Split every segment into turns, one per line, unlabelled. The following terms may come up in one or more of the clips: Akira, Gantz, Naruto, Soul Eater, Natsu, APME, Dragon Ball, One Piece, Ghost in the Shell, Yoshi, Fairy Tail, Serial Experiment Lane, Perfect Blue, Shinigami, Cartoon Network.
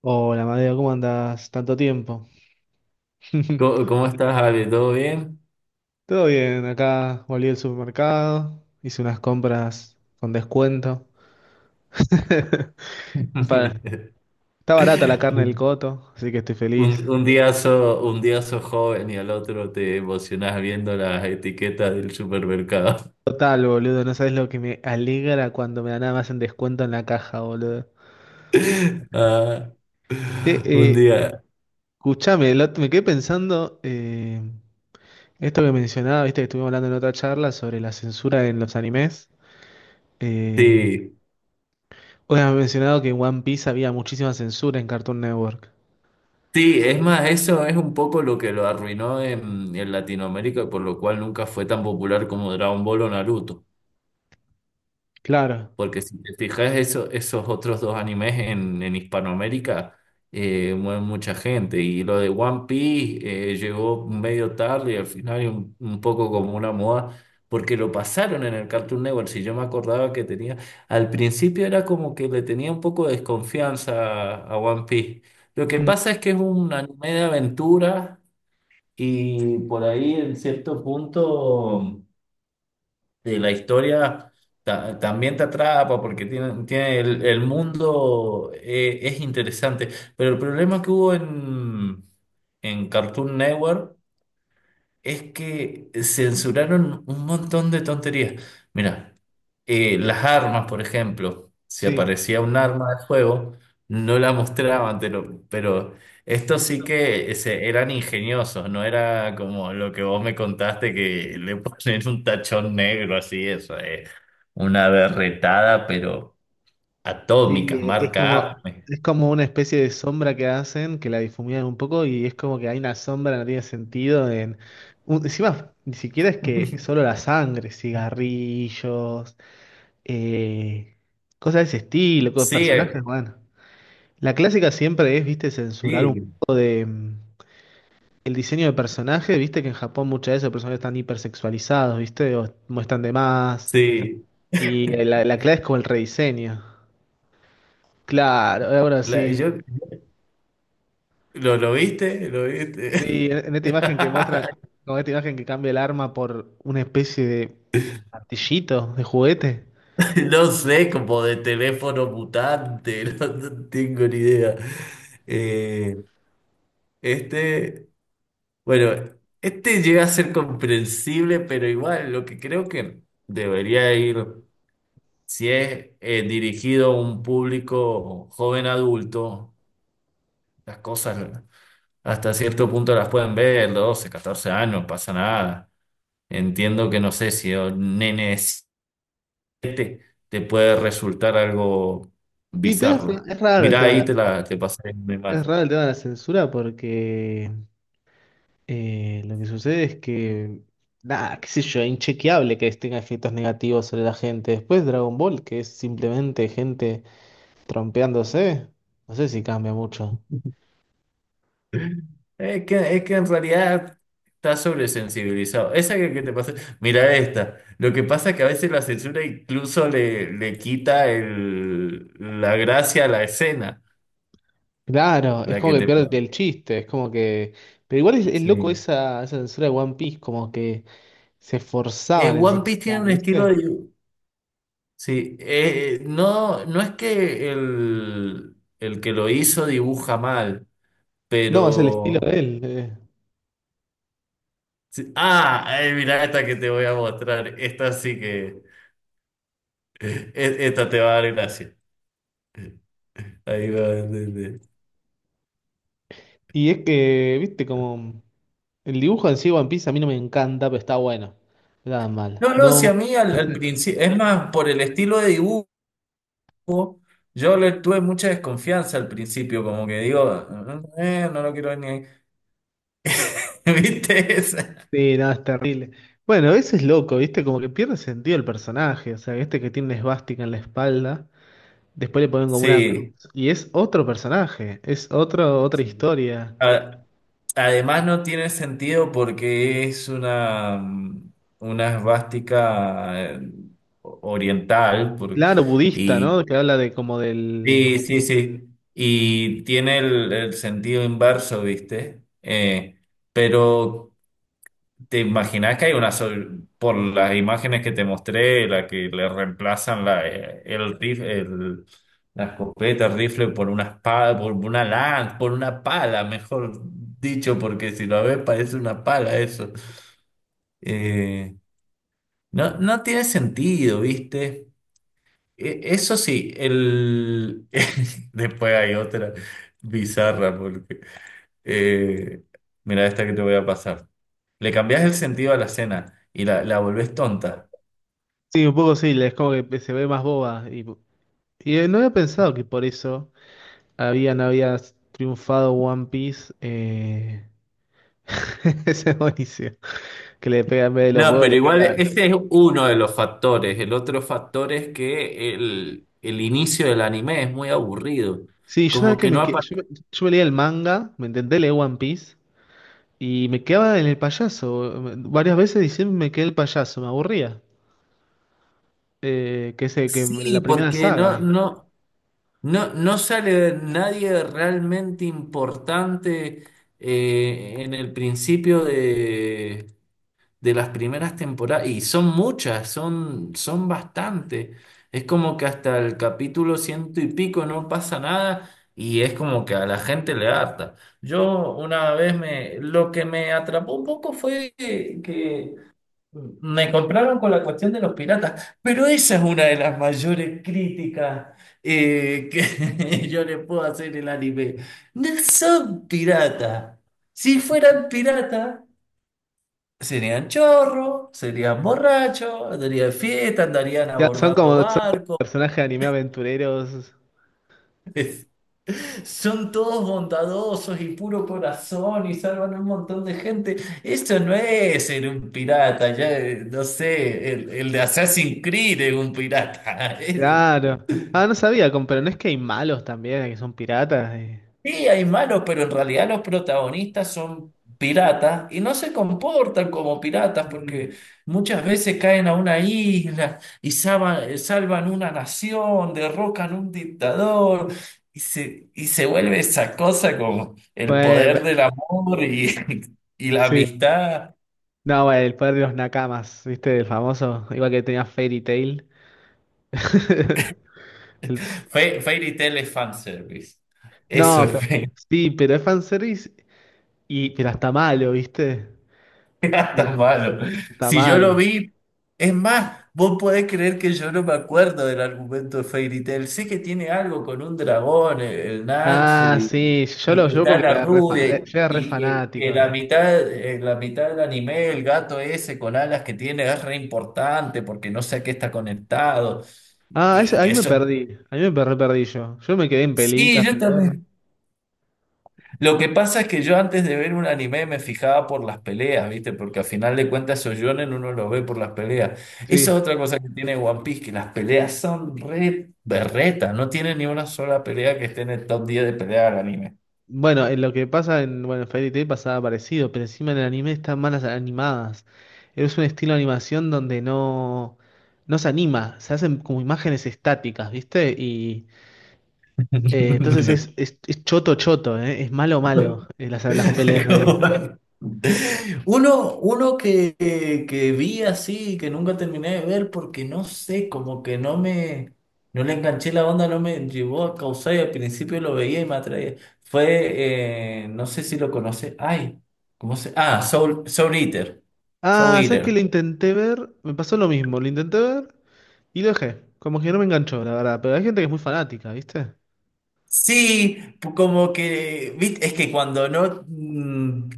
Hola, Madeo, ¿cómo andás? Tanto tiempo.
¿Cómo estás, Ale? ¿Todo bien?
Todo bien, acá volví al supermercado, hice unas compras con descuento. Un par- Está barata la carne del Coto, así que estoy
Un,
feliz.
un día sos, un día sos joven y al otro te emocionás viendo las etiquetas del supermercado.
Total, boludo, no sabes lo que me alegra cuando me dan nada más en descuento en la caja, boludo.
Ah,
Che,
un
eh,
día,
escuchame, me quedé pensando, esto que mencionaba, viste que estuvimos hablando en otra charla sobre la censura en los animes. eh,
sí.
Bueno, has mencionado que en One Piece había muchísima censura en Cartoon Network.
Sí, es más, eso es un poco lo que lo arruinó en Latinoamérica, por lo cual nunca fue tan popular como Dragon Ball o Naruto.
Claro.
Porque si te fijas, esos otros dos animes en Hispanoamérica mueven mucha gente. Y lo de One Piece llegó medio tarde y al final y un poco como una moda, porque lo pasaron en el Cartoon Network. Si yo me acordaba que tenía, al principio era como que le tenía un poco de desconfianza a One Piece. Lo que
Mm.
pasa es que es un anime de aventura y por ahí en cierto punto de la historia también te atrapa porque tiene el mundo es interesante. Pero el problema que hubo en Cartoon Network es que censuraron un montón de tonterías. Mira. Las armas, por ejemplo, si
Sí,
aparecía un arma de fuego no la mostraban, pero esto sí que eran ingeniosos, no era como lo que vos me contaste que le ponen un tachón negro así, eso, una berretada, pero
sí,
atómica, marca APME.
es como una especie de sombra que hacen, que la difuminan un poco y es como que hay una sombra, no tiene sentido en... Encima, ni siquiera es que solo la sangre, cigarrillos, eh, cosas de ese estilo,
Sí,
personajes, bueno. La clásica siempre es, viste, censurar un...
sí,
em, el diseño de personaje, viste que en Japón muchas veces los personajes están hipersexualizados, viste, o muestran de más.
sí.
Y la clave es como el rediseño. Claro, ahora
La-
sí.
yo, ¿lo viste? ¿Lo viste?
Sí, en esta imagen que muestran, con esta imagen que cambia el arma por una especie de martillito, de juguete.
No sé, como de teléfono mutante, no tengo ni idea. Eh, este, bueno, este llega a ser comprensible, pero igual lo que creo que debería ir, si es dirigido a un público joven adulto, las cosas hasta cierto punto las pueden ver, 12, 14 años, no pasa nada. Entiendo que no sé si un nene te, te puede resultar algo
Y pero
bizarro.
es raro el
Mira,
tema de
ahí
la,
te pasé una
es
imagen.
raro el tema de la censura porque lo que sucede es que, nada, qué sé yo, es inchequeable que tenga efectos negativos sobre la gente. Después Dragon Ball, que es simplemente gente trompeándose. No sé si cambia mucho.
Es que en realidad estás sobresensibilizado. Esa que te pasé, mira esta. Lo que pasa es que a veces la censura incluso le quita la gracia a la escena,
Claro, es
la
como
que
que
te...
pierde el chiste, es como que... Pero igual es loco
Sí.
esa, esa censura de One Piece, como que se esforzaban en
One Piece tiene
censurar,
un estilo
¿viste?
de... Sí, no es que el que lo hizo dibuja mal,
No, es el estilo
pero...
de él.
Sí. Ah, ay, mira esta que te voy a mostrar. Esta sí que. e- Esta te va a dar gracia. Ahí va a entender.
Y es que, viste, como... El dibujo en sí de One Piece a mí no me encanta, pero está bueno. No, nada mal.
No, no, si a
No,
mí al principio. Es más, por el estilo de dibujo, yo le tuve mucha desconfianza al principio. Como que digo: "Ah, no lo quiero ver ni ahí". ¿Viste esa?
sí, nada, es terrible. Bueno, ese es loco, ¿viste? Como que pierde sentido el personaje. O sea, este que tiene una esvástica en la espalda. Después le ponen como una cruz.
Sí.
Y es otro personaje, es otro, otra
Sí.
historia.
A- Además, no tiene sentido porque es una. Una esvástica oriental.
Claro, budista,
Y
¿no? Que habla de como del...
Sí, sí, sí. Y tiene el sentido inverso, ¿viste? Pero te imaginas que hay por las imágenes que te mostré, la que le reemplazan la escopeta, el rifle por una espada, por una lanza, por una pala, mejor dicho, porque si lo ves parece una pala eso. Eh, no tiene sentido, ¿viste? Eso sí, el... después hay otra bizarra porque... eh, mira esta que te voy a pasar. Le cambias el sentido a la cena y la volvés tonta.
Sí, un poco sí, es como que se ve más boba. Y, no había pensado que por eso había triunfado One Piece. Ese es buenísimo. Que le pega en vez de los
No,
huevos,
pero
le
igual
pega...
ese es uno de los factores. El otro factor es que el inicio del anime es muy aburrido.
Sí, yo sabes
Como
que
que
me,
no
yo,
aparece.
yo me leía el manga, me intenté leer One Piece y me quedaba en el payaso. Varias veces diciendo me quedé el payaso, me aburría. Que es el que
Sí,
la primera
porque no,
saga.
no, no, no sale nadie realmente importante en el principio de las primeras temporadas, y son muchas, son bastante. Es como que hasta el capítulo ciento y pico no pasa nada y es como que a la gente le harta. Yo una vez lo que me atrapó un poco fue que me compraron con la cuestión de los piratas, pero esa es una de las mayores críticas. Eh, que yo le puedo hacer el anime. No son piratas. Si fueran piratas, serían chorros, serían borrachos, andarían fiesta, andarían
Ya,
abordando
son como
barcos.
personajes de anime aventureros.
Son todos bondadosos y puro corazón y salvan a un montón de gente. Eso no es ser un pirata, ya no sé, el de Assassin's Creed es un pirata.
Claro. Ah, no sabía, pero no es que hay malos también, que son piratas.
Sí, hay malos, pero en realidad los protagonistas son piratas y no se comportan como piratas porque
Mm.
muchas veces caen a una isla y salvan, una nación, derrocan un dictador y se vuelve esa cosa como el
Bueno,
poder del amor y, y la
sí.
amistad.
No, bueno, el poder de los nakamas, ¿viste? El famoso, igual que tenía Fairy Tail. El-
Fairy Tail es fanservice. Eso
No,
es.
sí, pero es fanservice y pero está malo, ¿viste? Eh,
Tan malo.
está
Si yo lo
malo.
vi, es más, vos podés creer que yo no me acuerdo del argumento de Fairy Tail. Sé que tiene algo con un dragón, el Natsu,
Ah,
y,
sí, yo
y
lo
que
yo
está
porque
la
era re,
rubia, y
yo era re
y que
fanático.
la mitad, en la mitad del anime, el gato ese con alas que tiene es re importante porque no sé a qué está conectado.
Ah,
Y que
ahí me
eso.
perdí. Ahí me perdí yo. Yo me quedé en
Sí,
pelitas,
yo
pero no.
también. Lo que pasa es que yo antes de ver un anime me fijaba por las peleas, ¿viste? Porque al final de cuentas esos shonen uno lo ve por las peleas. Esa es
Sí.
otra cosa que tiene One Piece, que las peleas son re berretas, no tiene ni una sola pelea que esté en el top 10 de peleas del anime.
Bueno, en lo que pasa en, bueno, en Fairy Tail pasaba parecido, pero encima en el anime están malas animadas. Es un estilo de animación donde no, no se anima, se hacen como imágenes estáticas, ¿viste? Y entonces es choto choto, ¿eh? Es malo malo, las peleas ahí.
Uno que vi así, que nunca terminé de ver porque no sé, como que no le enganché la onda, no me llevó a causar y al principio lo veía y me atraía. Fue, no sé si lo conoce, ay, ¿cómo se? Ah, Soul Eater. Soul
Ah, ¿sabes qué?
Eater.
Lo intenté ver, me pasó lo mismo, lo intenté ver y lo dejé. Como que no me enganchó, la verdad, pero hay gente que es muy fanática, ¿viste?
Sí, como que, es que cuando no, mm,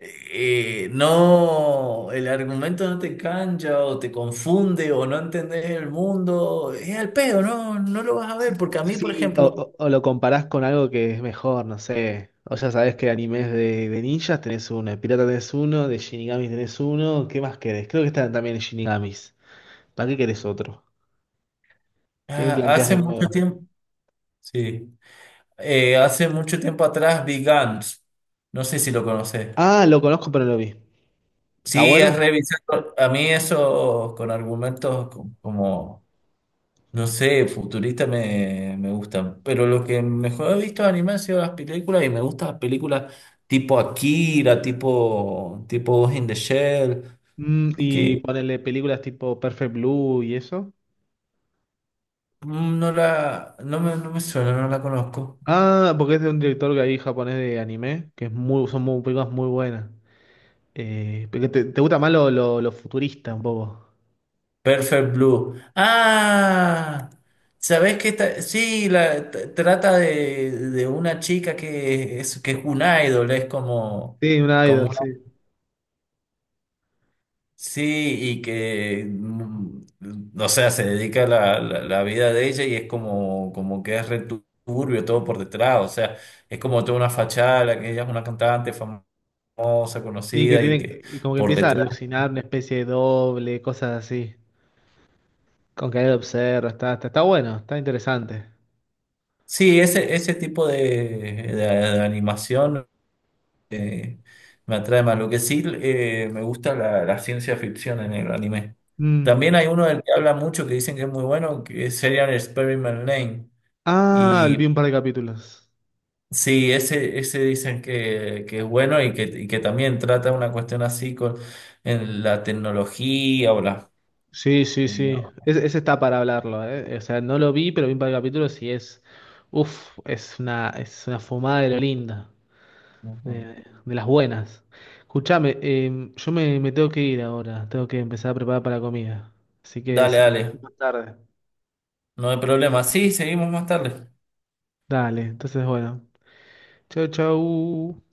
eh, no, el argumento no te cancha o te confunde o no entendés el mundo, es al pedo, no lo vas a ver, porque a mí, por
Sí, o,
ejemplo,
o lo comparás con algo que es mejor, no sé. O ya sabés que animes de ninjas tenés uno, de pirata tenés uno, de Shinigamis tenés uno. ¿Qué más querés? Creo que están también en Shinigamis. ¿Para qué querés otro? ¿Qué me
ah,
planteás de nuevo?
sí, hace mucho tiempo atrás vi Gantz, no sé si lo conoces.
Ah, lo conozco, pero no lo vi. ¿Está
Sí, es
bueno?
revisar, a mí eso con argumentos como... No sé, futurista me gustan, pero lo que mejor he visto de anime han sido las películas y me gustan las películas tipo Akira, tipo Ghost in the Shell,
Mm, y
que
ponerle películas tipo Perfect Blue y eso.
mm, no la, no me, no me suena, no la conozco.
Ah, porque es de un director que hay japonés de anime, que es muy, son muy, películas muy buenas. Porque te, te gusta más lo futurista un poco.
Perfect Blue. Ah, ¿sabés qué? Sí, trata de una chica que es un idol, es como...
Sí, un idol, sí.
Sí, y o sea, se dedica a la vida de ella y es como, como que es returbio todo por detrás, o sea, es como toda una fachada, la que ella es una cantante famosa,
Sí, que
conocida y
tiene
que
y como que
por
empieza a
detrás.
alucinar una especie de doble, cosas así. Con que él observa, está, está, está bueno, está interesante.
Sí, ese tipo de animación eh, me atrae más. Lo que sí me gusta la ciencia ficción en el anime.
Mm.
También hay uno del que habla mucho que dicen que es muy bueno, que es Serial Experiment Lane.
Ah,
Y
vi un par de capítulos.
sí, ese dicen que es bueno y que también trata una cuestión así con en la tecnología o la...
Sí, sí, sí. Ese está para hablarlo, ¿eh? O sea, no lo vi, pero vi un par de capítulos y es. Uf, es una fumada de lo linda. De las buenas. Escuchame, yo me, me tengo que ir ahora. Tengo que empezar a preparar para la comida. Así que,
Dale,
si querés,
dale,
más tarde.
no hay problema. Sí, seguimos más tarde.
Dale, entonces bueno. Chau, chau.